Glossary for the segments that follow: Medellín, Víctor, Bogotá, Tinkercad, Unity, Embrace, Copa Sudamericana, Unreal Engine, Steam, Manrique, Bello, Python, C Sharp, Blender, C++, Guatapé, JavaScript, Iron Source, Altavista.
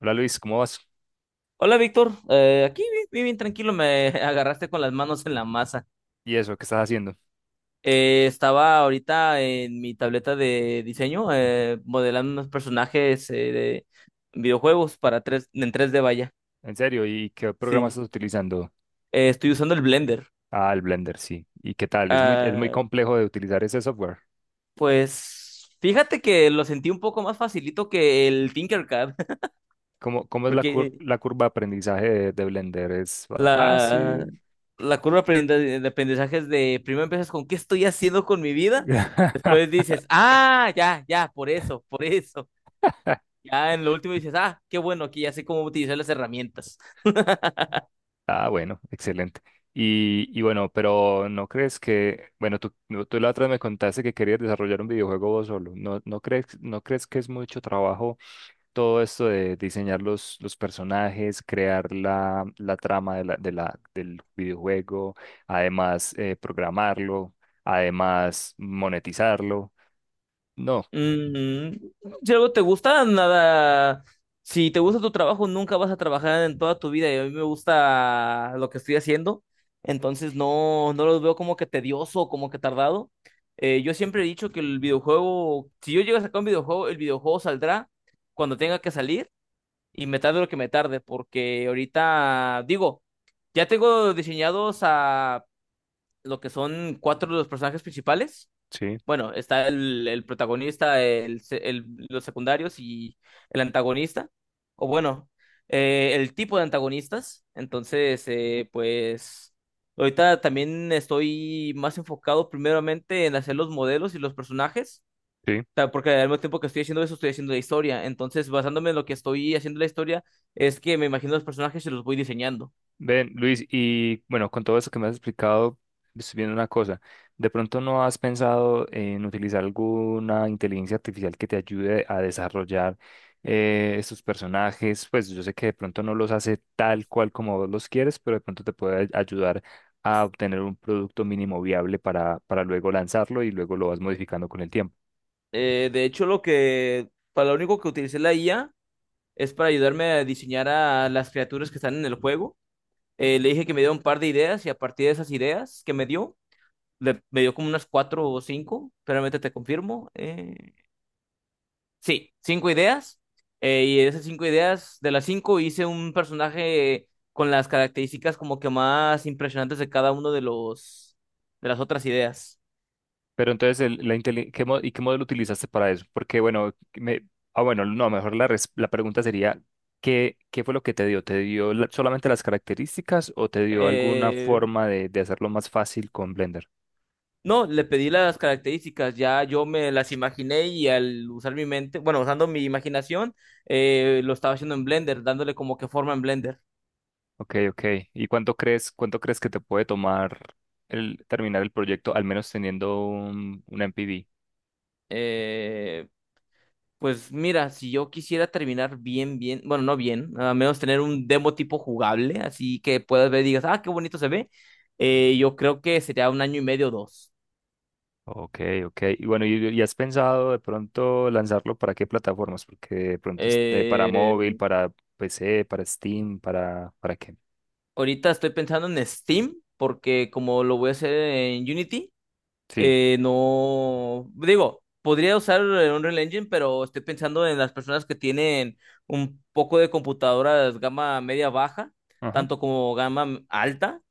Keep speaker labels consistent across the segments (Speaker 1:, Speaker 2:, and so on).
Speaker 1: Hola Luis, ¿cómo vas?
Speaker 2: Hola Víctor, aquí bien, bien, bien tranquilo, me agarraste con las manos en la masa.
Speaker 1: ¿Y eso? ¿Qué estás haciendo?
Speaker 2: Estaba ahorita en mi tableta de diseño modelando unos personajes de videojuegos para tres, en tres d vaya.
Speaker 1: ¿En serio? ¿Y qué programa
Speaker 2: Sí.
Speaker 1: estás utilizando?
Speaker 2: Estoy usando el Blender.
Speaker 1: Ah, el Blender, sí. ¿Y qué tal? Es es muy
Speaker 2: Ah,
Speaker 1: complejo de utilizar ese software.
Speaker 2: pues fíjate que lo sentí un poco más facilito que el Tinkercad,
Speaker 1: ¿Cómo es la, cur-
Speaker 2: porque
Speaker 1: la curva de aprendizaje de Blender? ¿Es
Speaker 2: La,
Speaker 1: fácil?
Speaker 2: la curva de de aprendizaje es de primero empiezas con ¿qué estoy haciendo con mi vida? Después dices, ah, ya, ya, por eso, por eso. Ya en lo último dices, ah, qué bueno, aquí ya sé cómo utilizar las herramientas.
Speaker 1: Ah, bueno, excelente. Y bueno, pero ¿no crees que, bueno, tú, no, tú la otra vez me contaste que querías desarrollar un videojuego vos solo? ¿No crees que es mucho trabajo? Todo esto de diseñar los personajes, crear la trama de del videojuego, además programarlo, además monetizarlo. No,
Speaker 2: Mm, si algo te gusta, nada. Si te gusta tu trabajo, nunca vas a trabajar en toda tu vida. Y a mí me gusta lo que estoy haciendo. Entonces no, no lo veo como que tedioso, como que tardado. Yo siempre he dicho que el videojuego, si yo llego a sacar un videojuego, el videojuego saldrá cuando tenga que salir y me tarde lo que me tarde, porque ahorita, digo, ya tengo diseñados a lo que son cuatro de los personajes principales.
Speaker 1: sí,
Speaker 2: Bueno, está el protagonista, los secundarios y el antagonista, o bueno, el tipo de antagonistas. Entonces, pues ahorita también estoy más enfocado primeramente en hacer los modelos y los personajes,
Speaker 1: sí.
Speaker 2: porque al mismo tiempo que estoy haciendo eso, estoy haciendo la historia. Entonces, basándome en lo que estoy haciendo la historia, es que me imagino los personajes y los voy diseñando.
Speaker 1: Ven, Luis, y bueno, con todo eso que me has explicado, estoy viendo una cosa. ¿De pronto no has pensado en utilizar alguna inteligencia artificial que te ayude a desarrollar estos personajes? Pues yo sé que de pronto no los hace tal cual como vos los quieres, pero de pronto te puede ayudar a obtener un producto mínimo viable para luego lanzarlo y luego lo vas modificando con el tiempo.
Speaker 2: De hecho, para lo único que utilicé la IA es para ayudarme a diseñar a las criaturas que están en el juego. Le dije que me diera un par de ideas y a partir de esas ideas que me dio, me dio como unas cuatro o cinco, realmente te confirmo. Sí, cinco ideas. Y de esas cinco ideas, de las cinco hice un personaje con las características como que más impresionantes de cada uno de los de las otras ideas.
Speaker 1: Pero entonces, el- la inteli- ¿qué mo- ¿y qué modelo utilizaste para eso? Porque, bueno, me, ah, bueno, no, mejor la pregunta sería, ¿qué fue lo que te dio? ¿Te dio solamente las características o te dio alguna
Speaker 2: Eh,
Speaker 1: forma de hacerlo más fácil con Blender?
Speaker 2: No, le pedí las características, ya yo me las imaginé y al usar mi mente, bueno, usando mi imaginación, lo estaba haciendo en Blender, dándole como que forma en Blender.
Speaker 1: Ok, ok. ¿Y cuánto crees que te puede tomar el terminar el proyecto, al menos teniendo un MPV?
Speaker 2: Eh, pues mira, si yo quisiera terminar bien, bien, bueno, no bien, a menos tener un demo tipo jugable, así que puedas ver y digas, ah, qué bonito se ve, yo creo que sería un año y medio o dos.
Speaker 1: Ok, ok. Y bueno, y has pensado de pronto lanzarlo para qué plataformas? Porque de pronto esté para móvil,
Speaker 2: Eh,
Speaker 1: para PC, para Steam, ¿para qué?
Speaker 2: Ahorita estoy pensando en Steam, porque como lo voy a hacer en Unity.
Speaker 1: Sí,
Speaker 2: No, digo, podría usar el Unreal Engine, pero estoy pensando en las personas que tienen un poco de computadoras gama media baja,
Speaker 1: ajá,
Speaker 2: tanto como gama alta.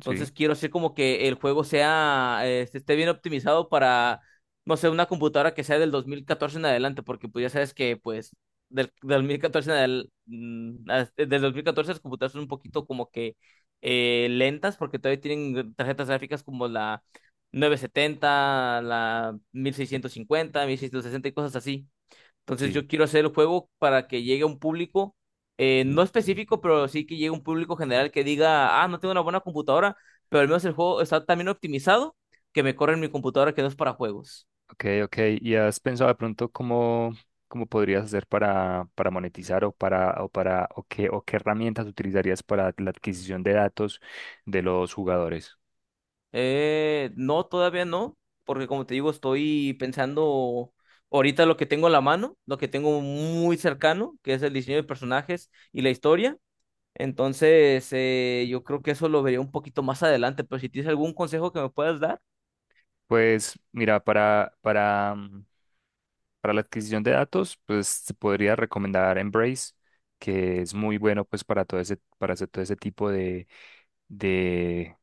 Speaker 1: sí,
Speaker 2: quiero hacer como que el juego sea, esté bien optimizado para, no sé, una computadora que sea del 2014 en adelante, porque pues ya sabes que pues del 2014 en del dos mil catorce. Las computadoras son un poquito como que lentas, porque todavía tienen tarjetas gráficas como la novecientos setenta, la mil mil seiscientos cincuenta, mil seiscientos sesenta y cosas así. Entonces
Speaker 1: sí.
Speaker 2: yo quiero hacer el juego para que llegue a un público, no específico, pero sí que llegue a un público general que diga, ah, no tengo una buena computadora, pero al menos el juego está tan bien optimizado que me corre en mi computadora que no es para juegos.
Speaker 1: Ok, ok. ¿Y has pensado de pronto cómo, cómo podrías hacer para monetizar o para, o para, o qué herramientas utilizarías para la adquisición de datos de los jugadores?
Speaker 2: No, todavía no, porque como te digo, estoy pensando ahorita lo que tengo en la mano, lo que tengo muy cercano, que es el diseño de personajes y la historia. Entonces, yo creo que eso lo vería un poquito más adelante, pero si tienes algún consejo que me puedas dar.
Speaker 1: Pues mira, para la adquisición de datos, pues te podría recomendar Embrace, que es muy bueno pues para todo ese, para hacer todo ese tipo de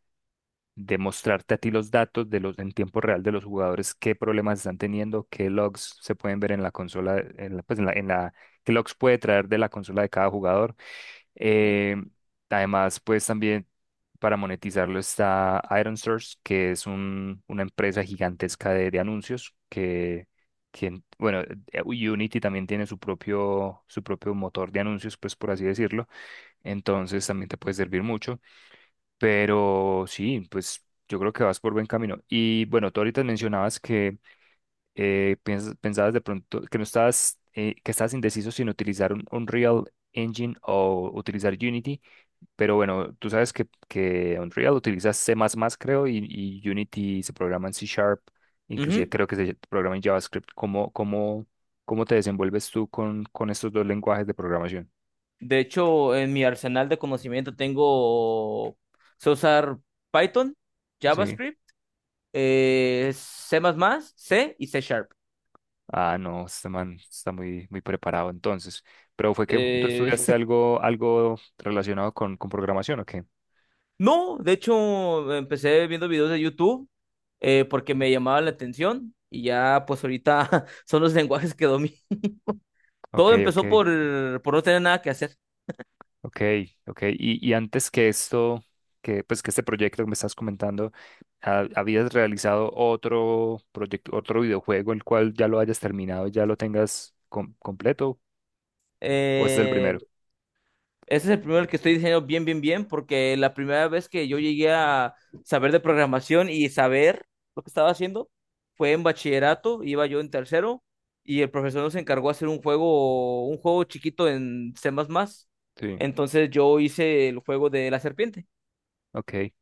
Speaker 1: de mostrarte a ti los datos de los en tiempo real de los jugadores, qué problemas están teniendo, qué logs se pueden ver en la consola, en la, pues en la- qué logs puede traer de la consola de cada jugador. Eh, Además, pues también para monetizarlo está Iron Source, que es una empresa gigantesca de anuncios bueno, Unity también tiene su propio motor de anuncios, pues por así decirlo. Entonces también te puede servir mucho. Pero sí, pues yo creo que vas por buen camino. Y bueno, tú ahorita mencionabas que pensabas de pronto que no estabas, que estabas indeciso sin utilizar un Unreal Engine o utilizar Unity, pero bueno, tú sabes que Unreal utiliza C++, creo, y Unity se programa en C Sharp, inclusive
Speaker 2: Ujú.
Speaker 1: creo que se programa en JavaScript. ¿Cómo te desenvuelves tú con estos dos lenguajes de programación?
Speaker 2: De hecho, en mi arsenal de conocimiento tengo, sé usar Python,
Speaker 1: Sí.
Speaker 2: JavaScript, C++, C y C Sharp.
Speaker 1: Ah, no, este man está muy preparado entonces. Pero fue que tú
Speaker 2: Eh,
Speaker 1: estudiaste algo, algo relacionado con programación, ¿o qué?
Speaker 2: no, de hecho, empecé viendo videos de YouTube porque me llamaba la atención y ya pues ahorita son los lenguajes que domino.
Speaker 1: Ok,
Speaker 2: Todo
Speaker 1: ok,
Speaker 2: empezó por no tener nada que hacer.
Speaker 1: ok, ok. Y antes que esto, que pues que este proyecto que me estás comentando, ¿habías realizado otro proyecto, otro videojuego, el cual ya lo hayas terminado, ya lo tengas completo, o este es el
Speaker 2: Eh,
Speaker 1: primero?
Speaker 2: Ese es el primero que estoy diciendo bien, bien, bien, porque la primera vez que yo llegué a saber de programación y saber lo que estaba haciendo fue en bachillerato, iba yo en tercero y el profesor nos encargó hacer un juego chiquito en C++.
Speaker 1: Sí,
Speaker 2: Entonces yo hice el juego de la serpiente
Speaker 1: ok.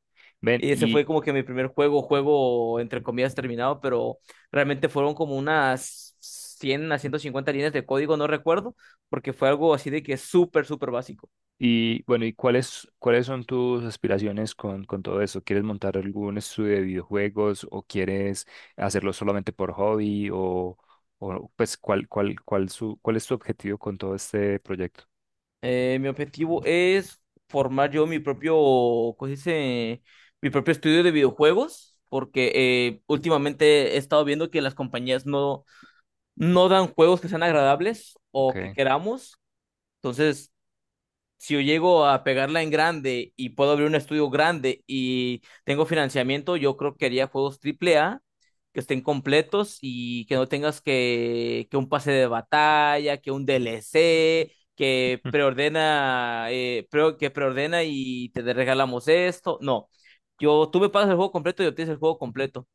Speaker 1: Ven,
Speaker 2: y ese
Speaker 1: y,
Speaker 2: fue como que mi primer juego, juego entre comillas terminado, pero realmente fueron como unas 100 a 150 líneas de código, no recuerdo, porque fue algo así de que súper, súper básico.
Speaker 1: Y bueno, ¿y cuáles son tus aspiraciones con todo eso? ¿Quieres montar algún estudio de videojuegos o quieres hacerlo solamente por hobby o, pues cuál es tu objetivo con todo este proyecto?
Speaker 2: Mi objetivo es formar yo mi propio, ¿cómo se dice? Mi propio estudio de videojuegos, porque últimamente he estado viendo que las compañías no, no dan juegos que sean agradables o que
Speaker 1: Okay.
Speaker 2: queramos. Entonces, si yo llego a pegarla en grande y puedo abrir un estudio grande y tengo financiamiento, yo creo que haría juegos triple A que estén completos y que no tengas que un pase de batalla, que un DLC, que
Speaker 1: Mm.
Speaker 2: preordena, que preordena y te regalamos esto. No, yo, tú me pagas el juego completo y obtienes el juego completo.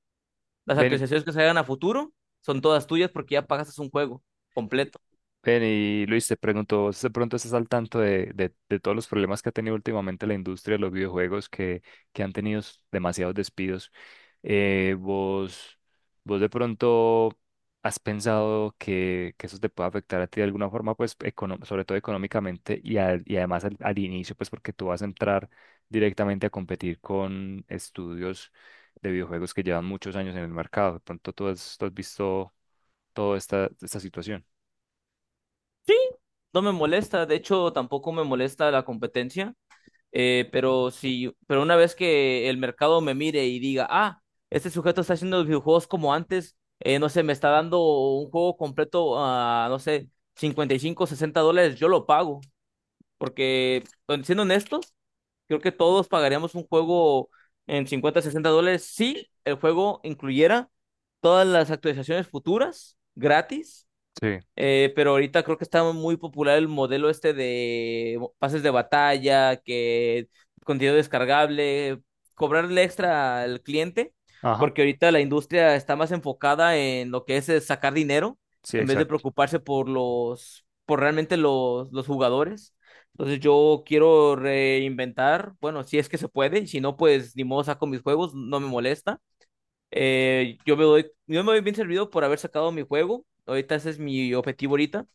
Speaker 2: Las
Speaker 1: Ven,
Speaker 2: actualizaciones que salgan a futuro son todas tuyas porque ya pagaste un juego completo.
Speaker 1: ven y Luis, te pregunto, ¿vos de pronto estás al tanto de todos los problemas que ha tenido últimamente la industria de los videojuegos que han tenido demasiados despidos? Eh, ¿vos, ¿vos de pronto has pensado que eso te puede afectar a ti de alguna forma, pues sobre todo económicamente y, y además al inicio, pues porque tú vas a entrar directamente a competir con estudios de videojuegos que llevan muchos años en el mercado? ¿De pronto tú has visto toda esta situación?
Speaker 2: Sí, no me molesta, de hecho tampoco me molesta la competencia. Pero si, pero una vez que el mercado me mire y diga, ah, este sujeto está haciendo videojuegos como antes, no sé, me está dando un juego completo a, no sé, 55, 60 dólares, yo lo pago. Porque, bueno, siendo honestos, creo que todos pagaríamos un juego en 50, 60 dólares si el juego incluyera todas las actualizaciones futuras gratis.
Speaker 1: Sí.
Speaker 2: Pero ahorita creo que está muy popular el modelo este de pases de batalla, que contenido descargable, cobrarle extra al cliente,
Speaker 1: Ajá.
Speaker 2: porque ahorita la industria está más enfocada en lo que es sacar dinero,
Speaker 1: Sí,
Speaker 2: en vez de
Speaker 1: exacto.
Speaker 2: preocuparse por por realmente los jugadores. Entonces yo quiero reinventar, bueno, si es que se puede, y si no, pues ni modo saco mis juegos, no me molesta. Yo me doy bien servido por haber sacado mi juego. Ahorita ese es mi objetivo ahorita.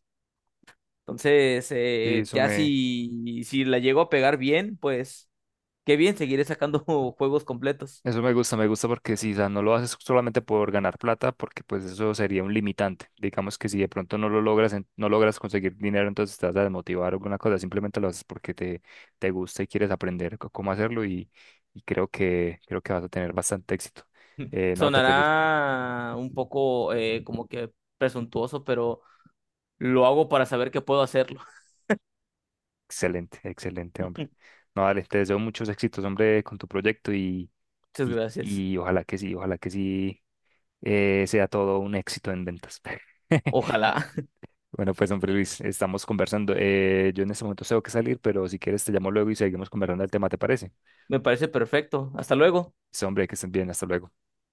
Speaker 2: Entonces,
Speaker 1: Sí, eso
Speaker 2: ya
Speaker 1: me,
Speaker 2: si, si la llego a pegar bien, pues qué bien, seguiré sacando juegos completos.
Speaker 1: eso me gusta porque si no lo haces solamente por ganar plata, porque pues eso sería un limitante. Digamos que si de pronto no lo logras, no logras conseguir dinero, entonces te vas a desmotivar o alguna cosa, simplemente lo haces porque te gusta y quieres aprender cómo hacerlo y creo que vas a tener bastante éxito. No, te feliz,
Speaker 2: Sonará un poco como que presuntuoso, pero lo hago para saber que puedo hacerlo.
Speaker 1: excelente, excelente, hombre. No, dale, te deseo muchos éxitos, hombre, con tu proyecto
Speaker 2: Muchas gracias.
Speaker 1: y ojalá que sí, sea todo un éxito en ventas.
Speaker 2: Ojalá.
Speaker 1: Bueno, pues, hombre Luis, estamos conversando. Yo en este momento tengo que salir, pero si quieres te llamo luego y seguimos conversando el tema, ¿te parece?
Speaker 2: Me parece perfecto. Hasta luego.
Speaker 1: Sí, hombre, que estén bien, hasta luego.